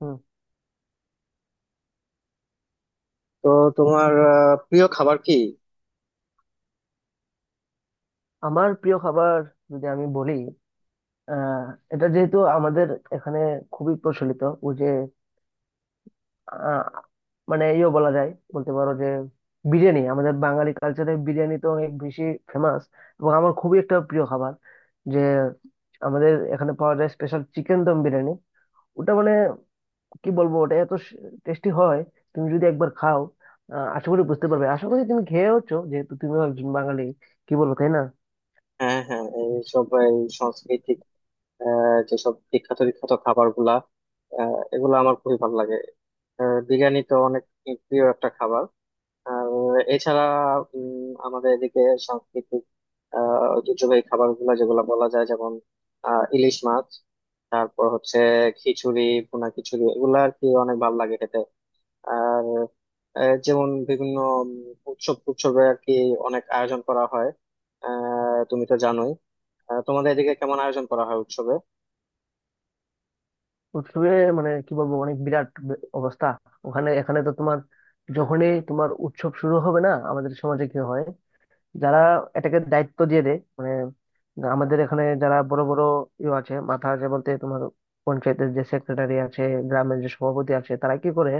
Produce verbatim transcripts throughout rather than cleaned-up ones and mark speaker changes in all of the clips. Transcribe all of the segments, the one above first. Speaker 1: হুম,
Speaker 2: তো তোমার আহ, প্রিয় খাবার কি?
Speaker 1: আমার প্রিয় খাবার যদি আমি বলি আহ এটা যেহেতু আমাদের এখানে খুবই প্রচলিত, ও যে আহ, মানে ইয়ে বলা যায়, বলতে পারো যে বিরিয়ানি, আমাদের বাঙালি কালচারে বিরিয়ানি তো অনেক বেশি ফেমাস এবং আমার খুবই একটা প্রিয় খাবার যে আমাদের এখানে পাওয়া যায়, স্পেশাল চিকেন দম বিরিয়ানি। ওটা মানে কি বলবো, ওটা এত টেস্টি হয়, তুমি যদি একবার খাও আহ, আশা করি বুঝতে পারবে। আশা করি তুমি খেয়েওছো যেহেতু তুমিও একজন বাঙালি, কি বলবো তাই না।
Speaker 2: হ্যাঁ, হ্যাঁ, এইসব এই সাংস্কৃতিক আহ, যেসব বিখ্যাত বিখ্যাত খাবার গুলা এগুলো আমার খুবই ভালো লাগে। আহ, বিরিয়ানি তো অনেক প্রিয় একটা খাবার। আর এছাড়া উম, আমাদের এদিকে সাংস্কৃতিক আহ, ঐতিহ্যবাহী খাবার গুলা, যেগুলো বলা যায়, যেমন আহ, ইলিশ মাছ, তারপর হচ্ছে খিচুড়ি, ভুনা খিচুড়ি— এগুলো আর কি অনেক ভালো লাগে খেতে। আর আহ, যেমন বিভিন্ন উম, উৎসব উৎসবে আর কি অনেক আয়োজন করা হয়। আহ তুমি তো জানোই। আহ, তোমাদের এদিকে কেমন আয়োজন করা হয় উৎসবে?
Speaker 1: উৎসবে মানে কি বলবো অনেক বিরাট বে- অবস্থা। ওখানে এখানে তো তোমার, যখনই তোমার উৎসব শুরু হবে না, আমাদের সমাজে কি হয়, যারা এটাকে দায়িত্ব দিয়ে দেয় মানে আমাদের এখানে যারা বড় বড় ইয়ে আছে, মাথা আছে বলতে তোমার পঞ্চায়েতের যে সেক্রেটারি আছে, গ্রামের যে সভাপতি আছে, তারা কি করে,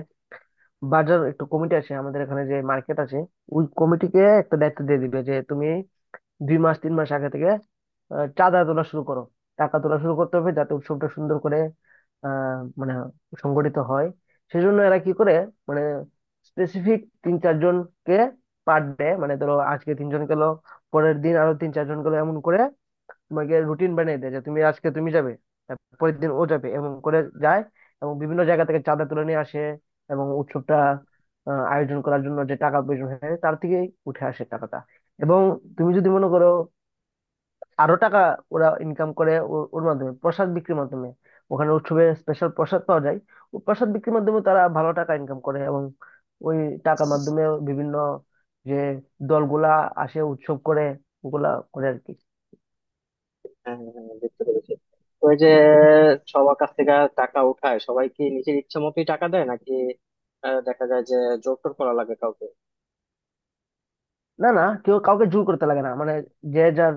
Speaker 1: বাজার একটু কমিটি আছে আমাদের এখানে, যে মার্কেট আছে ওই কমিটিকে একটা দায়িত্ব দিয়ে দিবে যে তুমি দুই মাস তিন মাস আগে থেকে আহ, চাঁদা তোলা শুরু করো, টাকা তোলা শুরু করতে হবে, যাতে উৎসবটা সুন্দর করে আহ মানে সংগঠিত হয়। সেজন্য এরা কি করে, মানে স্পেসিফিক তিন চারজনকে, পার ডে মানে ধরো আজকে তিনজন গেল, পরের দিন আরো তিন চারজন গেল, এমন করে তোমাকে রুটিন বানিয়ে দেয় যে তুমি আজকে তুমি যাবে, তার পরের দিন ও যাবে, এবং করে যায় এবং বিভিন্ন জায়গা থেকে চাঁদা তুলে নিয়ে আসে। এবং উৎসবটা আহ, আয়োজন করার জন্য যে টাকা প্রয়োজন হয়, তার থেকেই উঠে আসে টাকাটা। এবং তুমি যদি মনে করো আরো টাকা ওরা ইনকাম করে ও- ওর মাধ্যমে, প্রসাদ বিক্রির মাধ্যমে। ওখানে উৎসবে স্পেশাল প্রসাদ পাওয়া যায়, ও প্রসাদ বিক্রির মাধ্যমে তারা ভালো টাকা ইনকাম করে, এবং ওই টাকার মাধ্যমে বিভিন্ন যে দলগুলা আসে উৎসব করে, ওগুলা করে আর কি।
Speaker 2: হ্যাঁ, হ্যাঁ, হ্যাঁ, বুঝতে পেরেছি। তো ওই যে সবার কাছ থেকে টাকা উঠায়, সবাই কি নিজের ইচ্ছে মতোই টাকা দেয়, নাকি আহ, দেখা যায় যে জোর টোর করা লাগে কাউকে?
Speaker 1: না না, কেউ কাউকে জোর করতে লাগে না মানে যে যার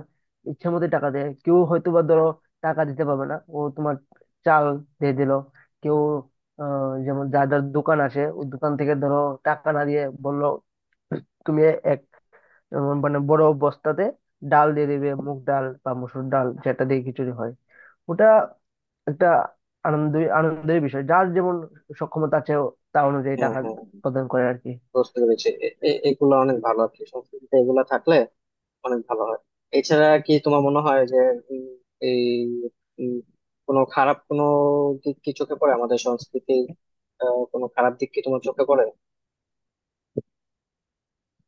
Speaker 1: ইচ্ছে মতো টাকা দেয়, কেউ হয়তো বা ধরো টাকা দিতে পারবে না, ও তোমার চাল দিয়ে দিল, কেউ আহ, যেমন যার যার দোকান আছে ওই দোকান থেকে ধরো টাকা না দিয়ে বললো তুমি এক উম, মানে বড় বস্তাতে ডাল দিয়ে দিবে, মুগ ডাল বা মসুর ডাল যেটা দিয়ে খিচুড়ি হয়। ওটা একটা আনন্দ, আনন্দের বিষয়, যার যেমন সক্ষমতা আছে ও তা অনুযায়ী
Speaker 2: হ্যাঁ,
Speaker 1: টাকা
Speaker 2: হ্যাঁ,
Speaker 1: প্রদান করে আর কি।
Speaker 2: বুঝতে পেরেছি। এ- এ- এগুলো অনেক ভালো আর কি, সংস্কৃতিতে এগুলা থাকলে অনেক ভালো হয়। এছাড়া কি তোমার মনে হয় যে উম, এই উম, কোনো খারাপ কোনো দিক কি চোখে পড়ে আমাদের সংস্কৃতির? আহ, কোনো খারাপ দিক কি তোমার চোখে পড়ে?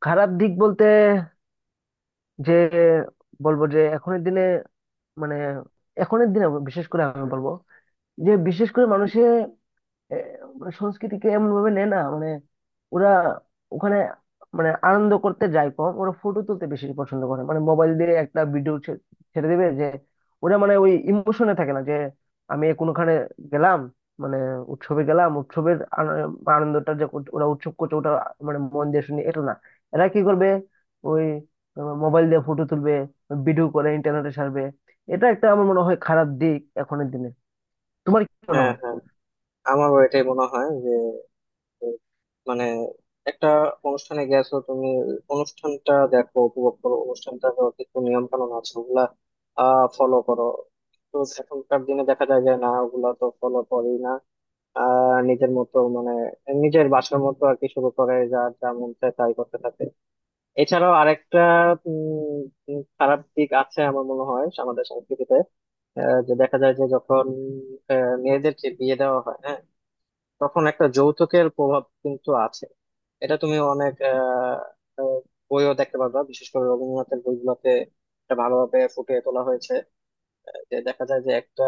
Speaker 1: খারাপ দিক বলতে যে বলবো যে এখনের দিনে, মানে এখনের দিনে বিশেষ করে আমি বলবো যে বিশেষ করে মানুষে এ, মানে সংস্কৃতিকে এমন ভাবে নেয় না, মানে ওরা ওখানে মানে আনন্দ করতে যায় কম, ওরা ফটো তুলতে বেশি পছন্দ করে, মানে মোবাইল দিয়ে একটা ভিডিও ছেড়ে দেবে যে, ওরা মানে ওই ইমোশনে থাকে না যে আমি কোনোখানে গেলাম, মানে উৎসবে গেলাম, উৎসবের আন- আনন্দটা যে কর- ওরা উৎসব করছে ওটা মানে মন দিয়ে শুনি, এটা না, এরা কি করবে ওই মোবাইল দিয়ে ফটো তুলবে, ভিডিও করে ইন্টারনেটে ছাড়বে। এটা একটা আমার মনে হয় খারাপ দিক এখনের দিনে, তোমার কি মনে
Speaker 2: হ্যাঁ,
Speaker 1: হয়।
Speaker 2: হ্যাঁ, আমারও এটাই মনে হয় যে উম, মানে একটা অনুষ্ঠানে গেছো তুমি, অনুষ্ঠানটা দেখো, উপভোগ করো অনুষ্ঠানটা। কিছু নিয়ম কানুন আছে, ওগুলা ফলো করো। তো এখনকার দিনে দেখা যায় যে না, ওগুলা তো ফলো করি না। আহ নিজের মতো, মানে নিজের বাসার মতো আর কি শুরু করে, যা যা মন চায় তাই করতে থাকে। এছাড়াও আরেকটা উম, উম, খারাপ দিক আছে আমার মনে হয় আমাদের সংস্কৃতিতে। আহ, যে দেখা যায় যে যখন আহ, মেয়েদের যে বিয়ে দেওয়া হয়, হ্যাঁ, তখন একটা যৌতুকের প্রভাব কিন্তু আছে। এটা তুমি অনেক আহ, আহ, বইও দেখতে পারবা, বিশেষ করে রবীন্দ্রনাথের বইগুলোতে এটা ভালোভাবে ফুটিয়ে তোলা হয়েছে। আহ, যে দেখা যায় যে একটা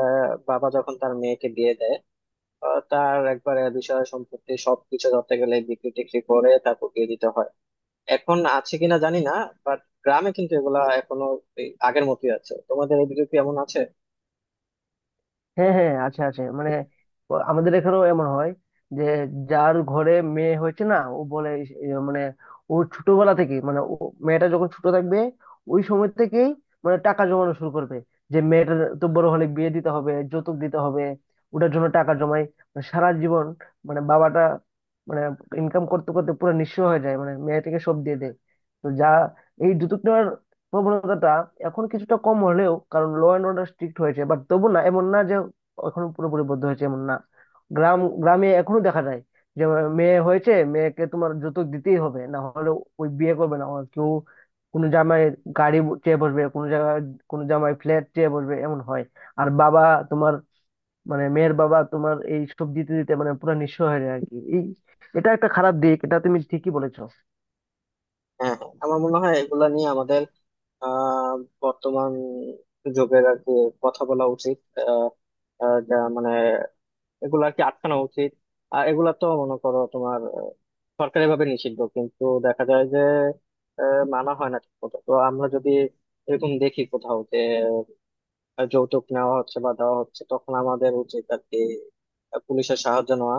Speaker 2: বাবা যখন তার মেয়েকে বিয়ে দেয়, আহ, তার একবারে বিষয় সম্পত্তি সবকিছু ধরতে গেলে বিক্রি টিক্রি করে তারপর দিয়ে দিতে হয়। এখন আছে কিনা জানি না, বাট গ্রামে কিন্তু এগুলা এখনো এই আগের মতোই আছে। তোমাদের এদিকে কি এমন আছে?
Speaker 1: হ্যাঁ হ্যাঁ আছে আছে, মানে ও আমাদের এখানেও এমন হয় যে যার ঘরে মেয়ে হয়েছে না, ও বলে ইস- এ, মানে ও ছোটবেলা থেকে মানে ও মেয়েটা যখন ছোট থাকবে ওই সময় থেকেই মানে টাকা জমানো শুরু করবে, যে মেয়েটা তো বড় হলে বিয়ে দিতে হবে, যৌতুক দিতে হবে, ওটার জন্য টাকা জমাই মানে সারা জীবন, মানে বাবাটা মানে ইনকাম করতে করতে পুরো নিঃস্ব হয়ে যায়, মানে মেয়েটাকে সব দিয়ে দেয়। তো যা, এই যৌতুক নেওয়ার প্রবণতাটা এখন কিছুটা কম হলেও, কারণ ল অ্যান্ড অর্ডার স্ট্রিক্ট হয়েছে, বাট তবু না এমন না, এখনো পুরোপুরি বদ্ধ হয়েছে এমন না। গ্রাম গ্রামে এখনো দেখা যায় যে মেয়ে হয়েছে, মেয়েকে তোমার যৌতুক দিতেই হবে, না হলে ওই বিয়ে করবে না ওর কেউ, কোনো জামাই গাড়ি চেয়ে বসবে, কোনো জায়গায় কোনো জামাই ফ্ল্যাট চেয়ে বসবে, এমন হয়। আর বাবা তোমার, মানে মেয়ের বাবা তোমার এই সব দিতে দিতে মানে পুরো নিঃস্ব হয়ে যায় আর কি। এই এটা একটা খারাপ দিক, এটা তুমি ঠিকই বলেছো।
Speaker 2: হ্যাঁ, হ্যাঁ, আমার মনে হয় এগুলা নিয়ে আমাদের আহ বর্তমান যুগের আর কি কথা বলা উচিত। আহ আহ, যা মানে এগুলো আর কি আটকানো উচিত। আর এগুলা তো মনে করো তোমার আহ, সরকারিভাবে নিষিদ্ধ, কিন্তু দেখা যায় যে আহ, মানা হয় না ঠিক মতো। তো আমরা যদি এরকম দেখি কোথাও যে আহ, যৌতুক নেওয়া হচ্ছে বা দেওয়া হচ্ছে, তখন আমাদের উচিত আর কি আহ, পুলিশের সাহায্য নেওয়া,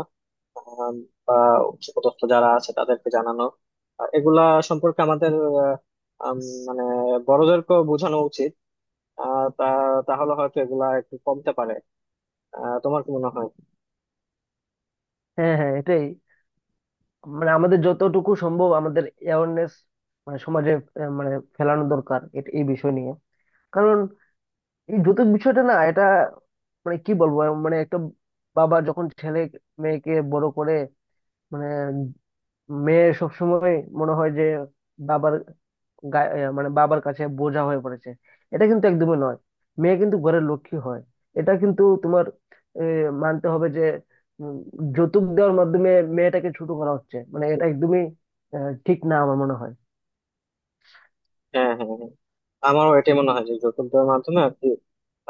Speaker 2: আহ, বা উচ্চপদস্থ যারা আছে তাদেরকে জানানো। আহ, এগুলা সম্পর্কে আমাদের আহ, আম, মানে বড়দেরকেও বোঝানো উচিত। আহ, তা তাহলে হয়তো এগুলা একটু কমতে পারে। আহ, তোমার কি মনে হয়?
Speaker 1: হ্যাঁ হ্যাঁ এটাই, মানে আমাদের যতটুকু সম্ভব আমাদের অ্যাওয়ারনেস মানে সমাজে আহ, মানে ফেলানো দরকার এট- এই বিষয় নিয়ে। কারণ এই যৌতুক বিষয়টা না, এটা মানে কি বলবো, মানে একটা বাবা যখন ছেলে মেয়েকে বড় করে, মানে মেয়ে সবসময় মনে হয় যে বাবার গায়ে- এ, মানে বাবার কাছে বোঝা হয়ে পড়েছে। এটা কিন্তু একদমই নয়, মেয়ে কিন্তু ঘরের লক্ষ্মী হয়। এটা কিন্তু তোমার এ, মানতে হবে যে উম, যৌতুক দেওয়ার মাধ্যমে মেয়েটাকে ছোট করা হচ্ছে, মানে এটা একদমই আহ, ঠিক না আমার মনে হয়।
Speaker 2: হ্যাঁ, হ্যাঁ, হ্যাঁ। আমারও এটাই মনে হয় যে যৌতুকের মাধ্যমে আর কি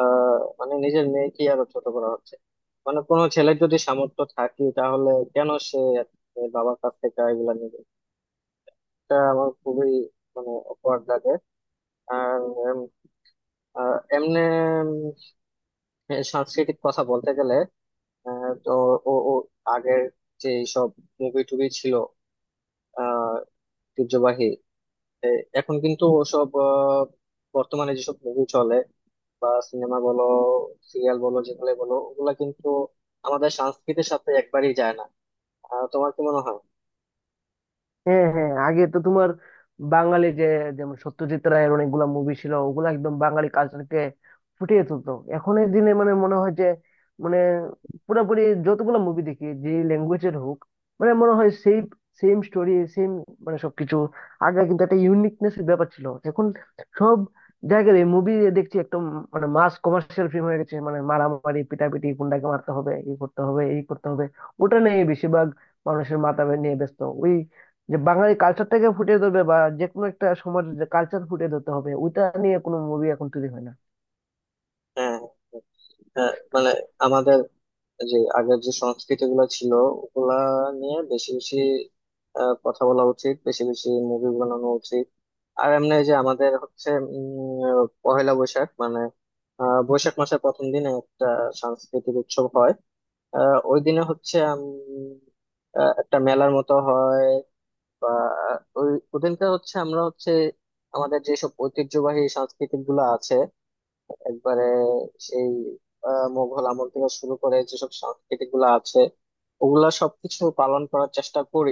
Speaker 2: আহ, মানে নিজের মেয়েকে আরো ছোট করা হচ্ছে। মানে কোনো ছেলের যদি সামর্থ্য থাকে, তাহলে কেন সে আর কি তার বাবার কাছ থেকে এগুলা নেবে? এটা আমার খুবই মানে অকওয়ার্ড লাগে। আর উম, আহ, এমনে উম, সাংস্কৃতিক কথা বলতে গেলে আহ, তো ও ও আগের যে সব মুভি টুভি ছিল আহ ঐতিহ্যবাহী, এ- এখন কিন্তু ওসব আহ, বর্তমানে যেসব মুভি চলে, বা সিনেমা বলো সিরিয়াল বলো যেগুলো বলো ওগুলা কিন্তু আমাদের সংস্কৃতির সাথে একবারই যায় না। আহ, তোমার কি মনে হয়?
Speaker 1: হ্যাঁ হ্যাঁ আগে তো তোমার বাঙালি যে, যেমন সত্যজিৎ রায়ের অনেকগুলা মুভি ছিল, ওগুলো একদম বাঙালি কালচারকে ফুটিয়ে তুলতো। এখনের দিনে মানে মনে হয় যে মানে পুরোপুরি যতগুলো মুভি দেখি যে ল্যাঙ্গুয়েজের হোক, মানে মনে হয় সেই সেম স্টোরি সেম, মানে সবকিছু। আগে কিন্তু একটা ইউনিকনেস ব্যাপার ছিল, এখন সব জায়গায় মুভি দেখছি একদম মানে মাস কমার্শিয়াল ফিল্ম হয়ে গেছে, মানে মারামারি পিটাপিটি, গুন্ডাকে মারতে হবে, এই করতে হবে, এই করতে হবে, ওটা নিয়ে বেশিরভাগ মানুষের মাথা নিয়ে ব্যস্ত। ওই যে বাঙালি কালচারটাকে ফুটিয়ে ধরবে, বা যে কোনো একটা সমাজের যে কালচার ফুটিয়ে ধরতে হবে, ওইটা নিয়ে কোনো মুভি এখন তৈরি হয় না।
Speaker 2: হ্যাঁ, হ্যাঁ, মানে আমাদের যে আগের যে সংস্কৃতি গুলো ছিল ওগুলা নিয়ে বেশি বেশি আহ, কথা বলা উচিত, বেশি বেশি মুভি বানানো উচিত। আর এমনি যে আমাদের হচ্ছে উম, পহেলা বৈশাখ, মানে আহ, বৈশাখ মাসের প্রথম দিনে একটা সাংস্কৃতিক উৎসব হয়। আহ, ওই দিনে হচ্ছে উম, আহ, একটা মেলার মতো হয়, বা ওই ওদিনকে হচ্ছে আমরা হচ্ছে আমাদের যেসব ঐতিহ্যবাহী সাংস্কৃতিক গুলা আছে, একবারে সেই আহ, মোঘল আমল থেকে শুরু করে যেসব সাংস্কৃতিক গুলা আছে, ওগুলা সবকিছু পালন করার চেষ্টা করি,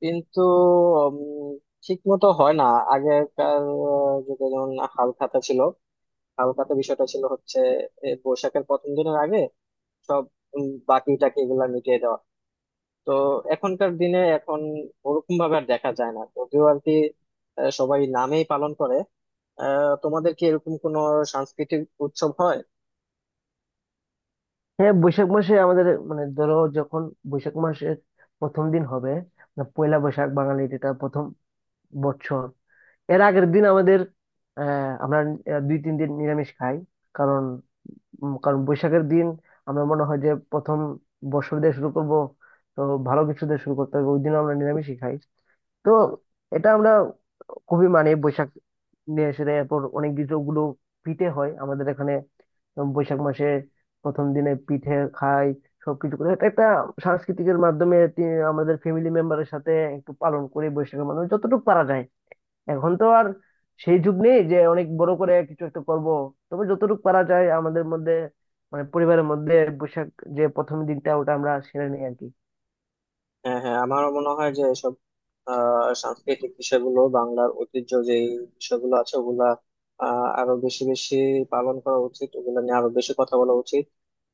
Speaker 2: কিন্তু ঠিক মতো হয় না। আগেকার আহ, যুগে যেমন হাল খাতা ছিল। হাল খাতা বিষয়টা ছিল হচ্ছে এ, বৈশাখের প্রথম দিনের আগে সব উম, বাকি টাকি এগুলা মিটিয়ে দেওয়া। তো এখনকার দিনে এখন ওরকম ভাবে আর দেখা যায় না যদিও আর কি। আহ, সবাই নামেই পালন করে। আহ, তোমাদের কি এরকম কোনো সাংস্কৃতিক উৎসব হয়?
Speaker 1: হ্যাঁ বৈশাখ মাসে আমাদের, মানে ধরো যখন বৈশাখ মাসের প্রথম দিন হবে, মানে পয়লা বৈশাখ, বাঙালির এটা প্রথম বছর, এর আগের দিন আমাদের আহ আমরা আহ, দুই তিন দিন নিরামিষ খাই কারণ উম, কারণ বৈশাখের দিন আমরা মনে হয় যে প্রথম বর্ষর দিয়ে শুরু করব, তো ভালো কিছু দিয়ে শুরু করতে হবে, ওই দিন আমরা নিরামিষই খাই। তো এটা আমরা খুবই মানে বৈশাখ নিয়ে এসে দেয়। এরপর অনেক কিছু গুলো পিঠে হয় আমাদের এখানে, উম বৈশাখ মাসে প্রথম দিনে পিঠে খাই, সবকিছু করে। এটা একটা সাংস্কৃতিকের মাধ্যমে তি- আমাদের ফ্যামিলি মেম্বারের সাথে একটু পালন করি বৈশাখের মাধ্যমে যতটুকু পারা যায়। এখন তো আর সেই যুগ নেই যে অনেক বড় করে কিছু একটা করব, তবে যতটুকু পারা যায় আমাদের মধ্যে মানে পরিবারের মধ্যে বৈশাখ যে প্রথম দিনটা ওটা আমরা সেরে নিই আর কি।
Speaker 2: হ্যাঁ, হ্যাঁ, আমারও মনে হয় যে এসব আহ সাংস্কৃতিক বিষয়গুলো, বাংলার ঐতিহ্য যে বিষয়গুলো আছে, ওগুলা আহ আরো বেশি বেশি পালন করা উচিত, ওগুলো নিয়ে আরো বেশি কথা বলা উচিত।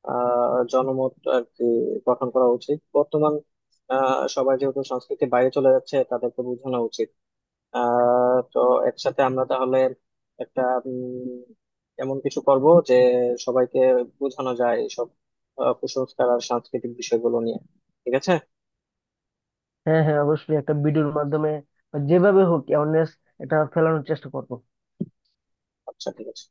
Speaker 2: আহ জনমত আর কি গঠন করা উচিত। বর্তমান আহ সবাই যেহেতু সংস্কৃতির বাইরে চলে যাচ্ছে, তাদেরকে বোঝানো উচিত। আহ তো একসাথে আমরা তাহলে একটা উম, এমন কিছু করব যে সবাইকে বোঝানো যায় এইসব আহ, কুসংস্কার আর সাংস্কৃতিক বিষয়গুলো নিয়ে। ঠিক আছে?
Speaker 1: হ্যাঁ হ্যাঁ অবশ্যই, একটা ভিডিওর মাধ্যমে বা যেভাবে হোক অ্যাওয়ারনেস এটা ফেলানোর চেষ্টা করবো।
Speaker 2: আচ্ছা, ঠিক আছে।